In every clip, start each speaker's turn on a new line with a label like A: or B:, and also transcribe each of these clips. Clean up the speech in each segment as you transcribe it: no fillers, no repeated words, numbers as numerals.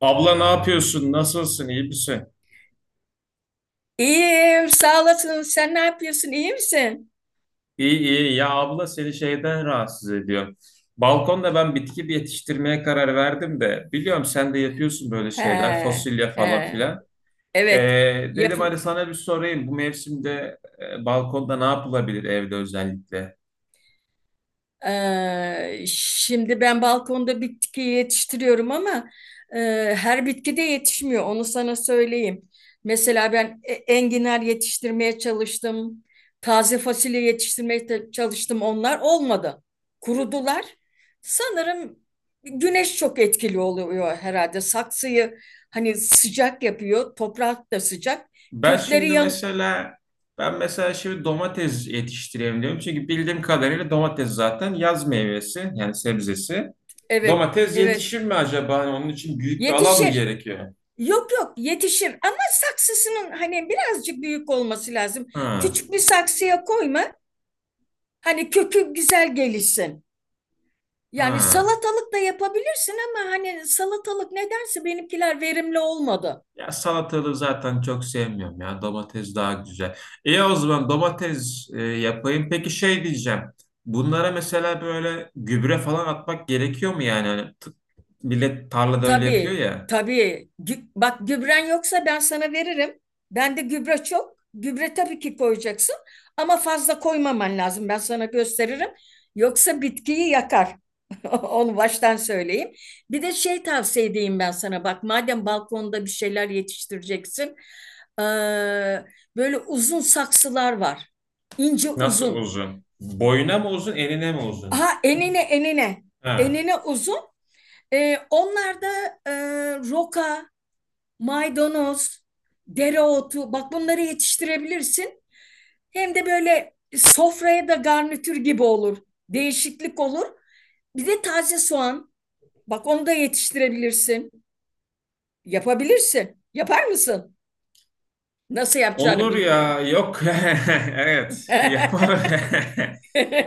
A: Abla ne yapıyorsun? Nasılsın? İyi misin?
B: İyiyim, sağ olasın. Sen ne yapıyorsun? İyi misin?
A: İyi iyi. Ya abla seni şeyden rahatsız ediyor. Balkonda ben bitki bir yetiştirmeye karar verdim de biliyorum sen de yapıyorsun böyle
B: He,
A: şeyler fasulye falan
B: he.
A: filan. Ee,
B: Evet, yap.
A: dedim hadi sana bir sorayım bu mevsimde balkonda ne yapılabilir evde özellikle?
B: Şimdi ben balkonda bitki yetiştiriyorum ama e, her bitki de yetişmiyor. Onu sana söyleyeyim. Mesela ben enginar yetiştirmeye çalıştım. Taze fasulye yetiştirmeye çalıştım. Onlar olmadı. Kurudular. Sanırım güneş çok etkili oluyor herhalde. Saksıyı hani sıcak yapıyor. Toprak da sıcak.
A: Ben
B: Kökleri
A: şimdi
B: yan...
A: mesela ben mesela şimdi domates yetiştireyim diyorum. Çünkü bildiğim kadarıyla domates zaten yaz meyvesi yani sebzesi.
B: Evet,
A: Domates
B: evet.
A: yetişir mi acaba? Hani onun için büyük bir alan mı
B: Yetişir.
A: gerekiyor?
B: Yok yok, yetişir ama saksısının hani birazcık büyük olması lazım.
A: Ha,
B: Küçük bir saksıya koyma. Hani kökü güzel gelişsin. Yani
A: ha.
B: salatalık da yapabilirsin ama hani salatalık nedense benimkiler verimli olmadı.
A: Ya salatalığı zaten çok sevmiyorum ya. Domates daha güzel. İyi o zaman domates, yapayım. Peki şey diyeceğim. Bunlara mesela böyle gübre falan atmak gerekiyor mu yani? Hani millet tarlada öyle yapıyor
B: Tabii,
A: ya.
B: tabii. Bak, gübren yoksa ben sana veririm. Bende gübre çok. Gübre tabii ki koyacaksın ama fazla koymaman lazım. Ben sana gösteririm. Yoksa bitkiyi yakar. Onu baştan söyleyeyim. Bir de şey tavsiye edeyim ben sana. Bak, madem balkonda bir şeyler yetiştireceksin. eee, Böyle uzun saksılar var. İnce
A: Nasıl
B: uzun.
A: uzun? Boyuna mı uzun, enine mi uzun?
B: Aha, enine enine.
A: Ha.
B: Enine uzun. Onlar da e, roka, maydanoz, dereotu, bak bunları yetiştirebilirsin. Hem de böyle sofraya da garnitür gibi olur. Değişiklik olur. Bir de taze soğan. Bak, onu da yetiştirebilirsin. Yapabilirsin. Yapar mısın? Nasıl yapacağını
A: Olur ya,
B: bilmiyorum.
A: yok. Evet, yapar.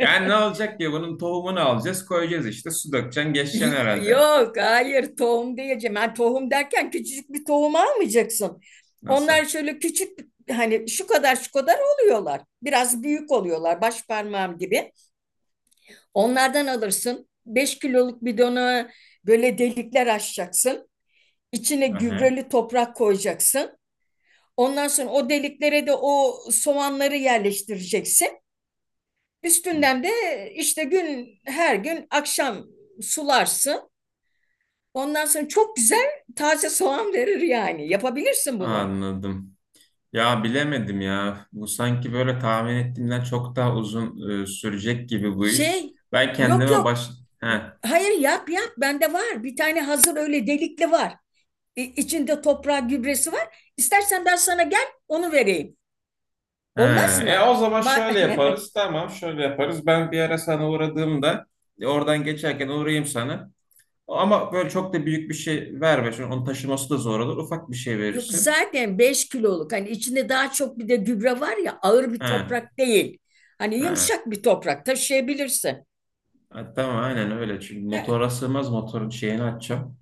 A: Yani ne olacak ki? Bunun tohumunu alacağız, koyacağız işte. Su dökeceksin, geçeceksin herhalde.
B: Yok, hayır, tohum diyeceğim. Ben tohum derken küçücük bir tohum almayacaksın.
A: Nasıl?
B: Onlar şöyle küçük, hani şu kadar şu kadar oluyorlar. Biraz büyük oluyorlar, baş parmağım gibi. Onlardan alırsın. 5 kiloluk bidona böyle delikler açacaksın. İçine
A: Aha.
B: gübreli toprak koyacaksın. Ondan sonra o deliklere de o soğanları yerleştireceksin. Üstünden de işte gün her gün akşam sularsın. Ondan sonra çok güzel taze soğan verir yani. Yapabilirsin bunu.
A: Anladım. Ya bilemedim ya. Bu sanki böyle tahmin ettiğimden çok daha uzun sürecek gibi bu iş.
B: Şey,
A: Ben
B: yok
A: kendime
B: yok.
A: baş... Heh.
B: Hayır, yap yap, bende var. Bir tane hazır öyle delikli var. İçinde toprağı, gübresi var. İstersen ben sana gel, onu vereyim.
A: He,
B: Olmaz mı?
A: O zaman
B: Ma
A: şöyle yaparız. Tamam, şöyle yaparız. Ben bir ara sana uğradığımda oradan geçerken uğrayayım sana. Ama böyle çok da büyük bir şey verme. Çünkü onun taşıması da zor olur. Ufak bir şey
B: Yok
A: verirsin.
B: zaten, 5 kiloluk, hani içinde daha çok bir de gübre var ya, ağır bir
A: He,
B: toprak değil. Hani
A: he.
B: yumuşak bir toprak, taşıyabilirsin.
A: Ha, tamam aynen öyle. Çünkü
B: He,
A: motora sığmaz, motorun şeyini açacağım.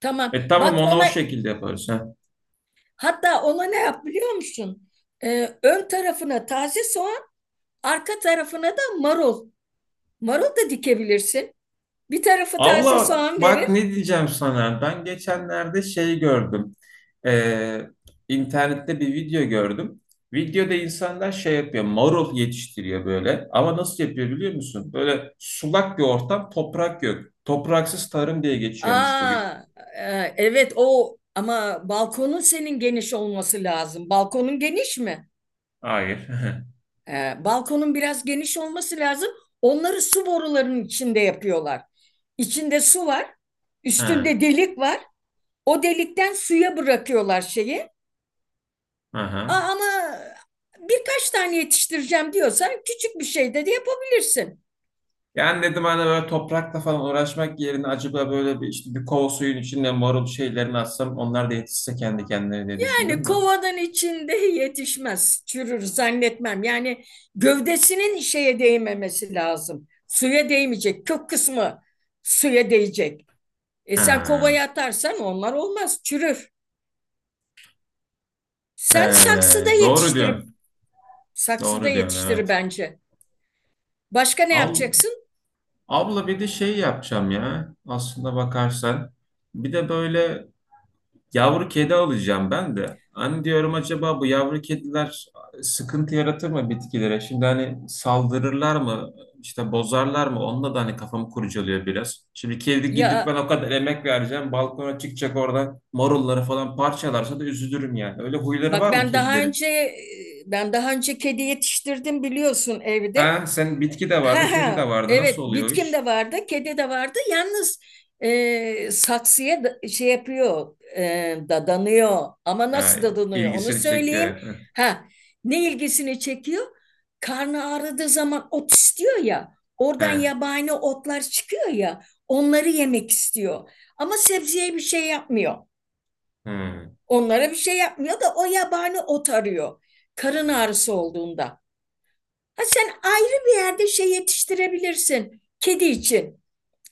B: tamam.
A: E tamam,
B: Bak
A: onu
B: ona,
A: o şekilde yaparız. He.
B: hatta ona ne yap biliyor musun? Ön tarafına taze soğan, arka tarafına da marul. Marul da dikebilirsin. Bir tarafı taze
A: Abla
B: soğan
A: bak
B: verir.
A: ne diyeceğim sana. Ben geçenlerde şey gördüm. Ee, internette bir video gördüm. Videoda insanlar şey yapıyor. Marul yetiştiriyor böyle. Ama nasıl yapıyor biliyor musun? Böyle sulak bir ortam, toprak yok. Topraksız tarım diye geçiyormuş bugün.
B: Aa, evet, o ama balkonun senin geniş olması lazım. Balkonun geniş mi?
A: Hayır.
B: Balkonun biraz geniş olması lazım. Onları su borularının içinde yapıyorlar. İçinde su var,
A: Ha,
B: üstünde delik var. O delikten suya bırakıyorlar şeyi.
A: aha.
B: Ama birkaç tane yetiştireceğim diyorsan küçük bir şey de yapabilirsin.
A: Yani dedim hani böyle toprakla falan uğraşmak yerine acaba böyle bir işte bir kova suyun içinde marul şeylerini atsam onlar da yetişse kendi kendine diye
B: Yani
A: düşündüm de.
B: kovanın içinde yetişmez, çürür zannetmem. Yani gövdesinin şeye değmemesi lazım. Suya değmeyecek, kök kısmı suya değecek. E sen kovaya
A: Ha.
B: atarsan onlar olmaz, çürür. Sen saksıda
A: Doğru
B: yetiştirip
A: diyorsun.
B: saksıda
A: Doğru diyorsun,
B: yetiştir
A: evet.
B: bence. Başka ne
A: Al,
B: yapacaksın?
A: abla bir de şey yapacağım ya. Aslında bakarsan. Bir de böyle yavru kedi alacağım ben de. Hani diyorum acaba bu yavru kediler sıkıntı yaratır mı bitkilere? Şimdi hani saldırırlar mı? İşte bozarlar mı? Onunla da hani kafamı kurcalıyor biraz. Şimdi kedi gidip ben
B: Ya
A: o kadar emek vereceğim. Balkona çıkacak, orada marulları falan parçalarsa da üzülürüm yani. Öyle huyları
B: bak,
A: var mı
B: ben daha
A: kedilerin?
B: önce ben daha önce kedi yetiştirdim biliyorsun evde.
A: Ha, sen bitki de vardı,
B: Ha,
A: kedi
B: ha,
A: de vardı.
B: evet,
A: Nasıl oluyor o
B: bitkim
A: iş?
B: de vardı, kedi de vardı. Yalnız saksıya şey yapıyor, dadanıyor. Ama
A: Ha,
B: nasıl dadanıyor onu
A: ilgisini
B: söyleyeyim.
A: çekiyor.
B: Ha, ne ilgisini çekiyor? Karnı ağrıdığı zaman ot istiyor ya. Oradan
A: Ha,
B: yabani otlar çıkıyor ya. Onları yemek istiyor. Ama sebzeye bir şey yapmıyor.
A: hmm.
B: Onlara bir şey yapmıyor da o yabani ot arıyor. Karın ağrısı olduğunda. Ha, sen ayrı bir yerde şey yetiştirebilirsin kedi için.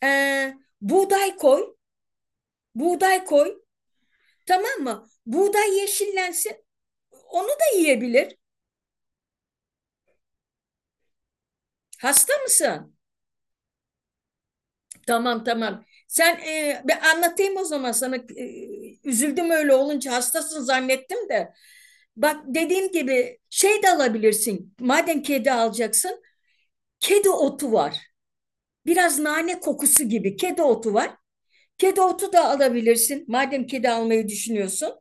B: Ee, Buğday koy, buğday koy. Tamam mı? Buğday yeşillensin. Onu da yiyebilir. Hasta mısın? Tamam, tamam. Sen, ben anlatayım o zaman sana. E, üzüldüm öyle olunca hastasın zannettim de. Bak, dediğim gibi şey de alabilirsin. Madem kedi alacaksın, kedi otu var. Biraz nane kokusu gibi kedi otu var. Kedi otu da alabilirsin. Madem kedi almayı düşünüyorsun.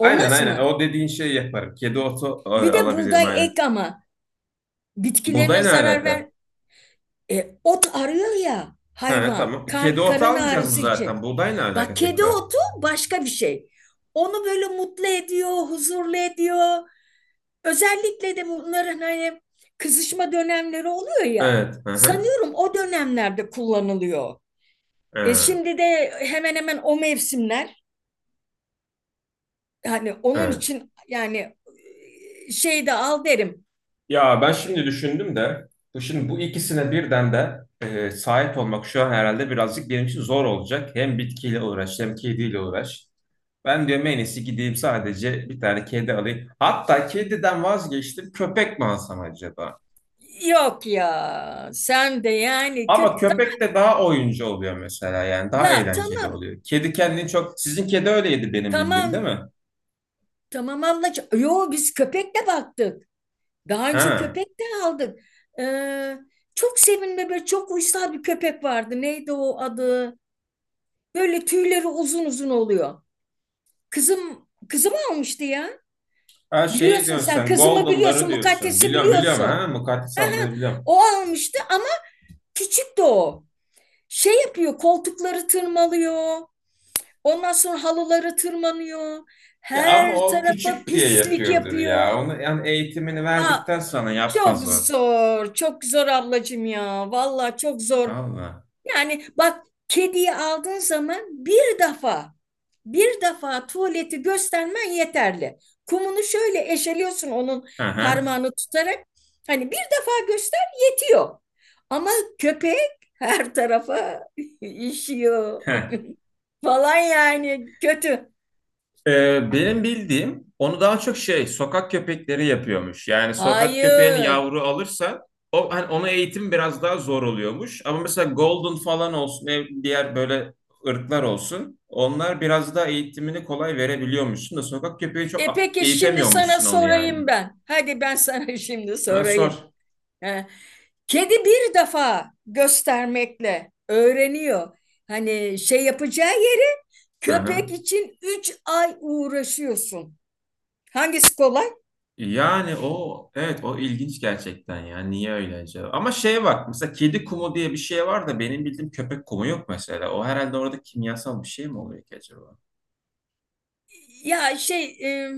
A: Aynen aynen.
B: mı?
A: O dediğin şeyi yaparım. Kedi otu,
B: Bir de
A: alabilirim
B: buğday
A: aynen.
B: ek ama bitkilerine
A: Buğday ne
B: zarar ver.
A: alaka?
B: E, ot arıyor ya
A: Ha,
B: hayvan.
A: tamam. Kedi otu
B: Karın
A: almayacağız mı
B: ağrısı
A: zaten?
B: için.
A: Buğday ne
B: Bak,
A: alaka
B: kedi
A: tekrar?
B: otu başka bir şey. Onu böyle mutlu ediyor, huzurlu ediyor. Özellikle de bunların hani kızışma dönemleri oluyor ya.
A: Evet. Hı hı.
B: Sanıyorum o dönemlerde kullanılıyor. E
A: Ha,
B: şimdi de hemen hemen o mevsimler. Hani onun
A: evet.
B: için yani, şey de al derim.
A: Ya ben şimdi düşündüm de bu şimdi bu ikisine birden de, sahip olmak şu an herhalde birazcık benim için zor olacak. Hem bitkiyle uğraş hem kediyle uğraş. Ben diyorum en iyisi gideyim sadece bir tane kedi alayım. Hatta kediden vazgeçtim, köpek mi alsam acaba?
B: Yok ya, sen de yani
A: Ama köpek de daha oyuncu oluyor mesela, yani daha
B: ya
A: eğlenceli
B: tamam,
A: oluyor. Kedi kendini çok, sizin kedi öyleydi benim bildiğim, değil
B: tamam,
A: mi?
B: tamam ablacığım. Yo, biz köpekle baktık. Daha önce
A: Ha.
B: köpek de aldık. Ee, Çok sevimli, böyle çok uysal bir köpek vardı. Neydi o adı? Böyle tüyleri uzun uzun oluyor. Kızım almıştı ya.
A: Ha, şey
B: Biliyorsun
A: diyorsun
B: sen,
A: sen,
B: kızımı
A: Golden'ları
B: biliyorsun,
A: diyorsun.
B: Mukaddes'i
A: Biliyorum biliyorum, ha
B: biliyorsun.
A: Mukaddes ablayı
B: Aha,
A: biliyorum.
B: o almıştı ama küçüktü o. Şey yapıyor, koltukları tırmalıyor. Ondan sonra halıları tırmanıyor.
A: Ya ama
B: Her
A: o
B: tarafa
A: küçük diye
B: pislik
A: yapıyordur ya.
B: yapıyor.
A: Onu yani eğitimini
B: Va-
A: verdikten sonra
B: Çok
A: yapmaz o.
B: zor, çok zor ablacığım ya. Vallahi çok zor.
A: Allah.
B: Yani bak, kediyi aldığın zaman bir defa, bir defa tuvaleti göstermen yeterli. Kumunu şöyle eşeliyorsun onun,
A: Hı hı.
B: parmağını tutarak. Hani bir defa göster, yetiyor. Ama köpek her tarafa işiyor
A: Heh.
B: falan, yani kötü.
A: Benim bildiğim onu daha çok şey, sokak köpekleri yapıyormuş. Yani sokak köpeğini
B: Hayır.
A: yavru alırsa o hani ona eğitim biraz daha zor oluyormuş. Ama mesela golden falan olsun, diğer böyle ırklar olsun. Onlar biraz daha eğitimini kolay verebiliyormuşsun da sokak köpeği çok
B: E peki, şimdi sana
A: eğitemiyormuşsun onu yani.
B: sorayım ben. Hadi ben sana şimdi
A: Ha, sor.
B: sorayım. Heh. Kedi bir defa göstermekle öğreniyor. Hani şey yapacağı yeri,
A: Hı,
B: köpek
A: hı.
B: için 3 ay uğraşıyorsun. Hangisi kolay?
A: Yani o evet, o ilginç gerçekten ya. Niye öyle acaba? Ama şeye bak, mesela kedi kumu diye bir şey var da benim bildiğim köpek kumu yok mesela. O herhalde orada kimyasal bir şey mi oluyor ki acaba?
B: Ya şey,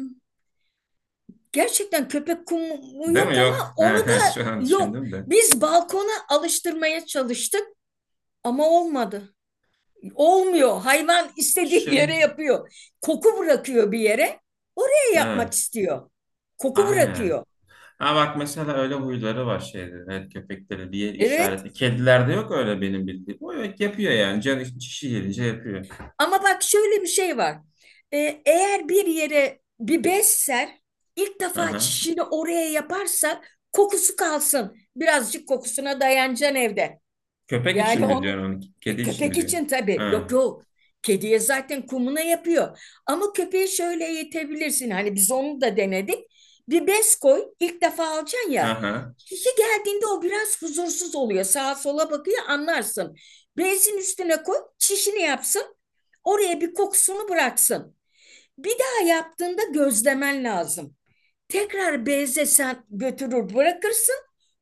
B: gerçekten köpek kumu
A: Değil mi?
B: yok ama
A: Yok.
B: onu da
A: Şu an
B: yok.
A: düşündüm de.
B: Biz balkona alıştırmaya çalıştık ama olmadı. Olmuyor. Hayvan istediği yere
A: Şey
B: yapıyor. Koku bırakıyor bir yere. Oraya yapmak
A: evet.
B: istiyor. Koku
A: Aynen.
B: bırakıyor.
A: Ha bak mesela öyle huyları var şeyde. Evet, köpekleri bir yer
B: Evet.
A: işareti. Kedilerde yok öyle benim bildiğim. O yok, yapıyor yani. Canı çişi gelince yapıyor.
B: Ama bak, şöyle bir şey var. Eğer bir yere bir bez ser, ilk defa
A: Aha.
B: çişini oraya yaparsa kokusu kalsın. Birazcık kokusuna dayanacaksın evde.
A: Köpek için
B: Yani
A: mi
B: onu,
A: diyorsun onu? Kedi için
B: köpek
A: mi
B: için
A: diyorsun?
B: tabii. Yok
A: Ha.
B: yok. Kediye zaten kumuna yapıyor. Ama köpeği şöyle eğitebilirsin. Hani biz onu da denedik. Bir bez koy. İlk defa alacaksın ya.
A: Aha.
B: Kişi geldiğinde o biraz huzursuz oluyor. Sağa sola bakıyor, anlarsın. Bezin üstüne koy. Çişini yapsın. Oraya bir kokusunu bıraksın. Bir daha yaptığında gözlemen lazım. Tekrar beze sen götürür bırakırsın.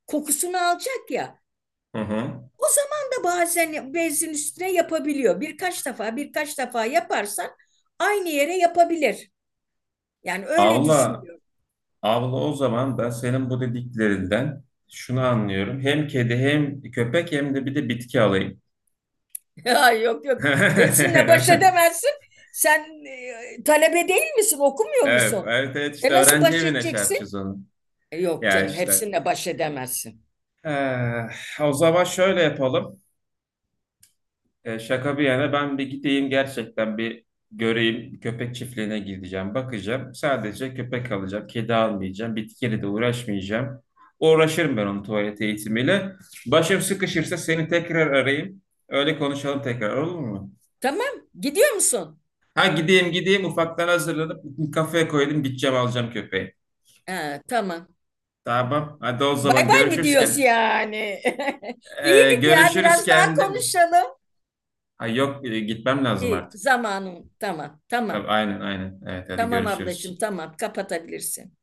B: Kokusunu alacak ya.
A: Hı hı.
B: O zaman da bazen bezin üstüne yapabiliyor. Birkaç defa, birkaç defa yaparsan aynı yere yapabilir. Yani öyle
A: Allah.
B: düşünüyorum.
A: Abla o zaman ben senin bu dediklerinden şunu anlıyorum. Hem kedi hem köpek hem de bir de bitki alayım.
B: Ya yok yok. Hepsinle baş edemezsin. Sen, talebe değil misin? Okumuyor
A: Evet,
B: musun?
A: evet, evet, işte
B: E nasıl
A: öğrenci
B: baş
A: evine şey
B: edeceksin?
A: yapacağız onu.
B: E, yok
A: Ya
B: canım,
A: işte.
B: hepsinle baş edemezsin.
A: Eh, o zaman şöyle yapalım. E, şaka bir yana ben bir gideyim gerçekten, bir göreyim. Köpek çiftliğine gideceğim, bakacağım. Sadece köpek alacağım, kedi almayacağım, bitkiyle de uğraşmayacağım. Uğraşırım ben onun tuvalet eğitimiyle. Başım sıkışırsa seni tekrar arayayım. Öyle konuşalım tekrar, olur mu?
B: Tamam, gidiyor musun?
A: Ha gideyim gideyim, ufaktan hazırlanıp kafeye koydum, gideceğim alacağım köpeği.
B: Ha, tamam.
A: Tamam hadi o
B: Bay
A: zaman
B: bay mı diyoruz
A: görüşürsken.
B: yani? İyiydik ya,
A: Görüşürüz
B: biraz daha
A: kendin.
B: konuşalım.
A: Ha yok, gitmem lazım
B: İyi,
A: artık.
B: zamanım. Tamam,
A: Tabii,
B: tamam.
A: aynen aynen. Evet hadi
B: Tamam ablacığım,
A: görüşürüz.
B: tamam, kapatabilirsin.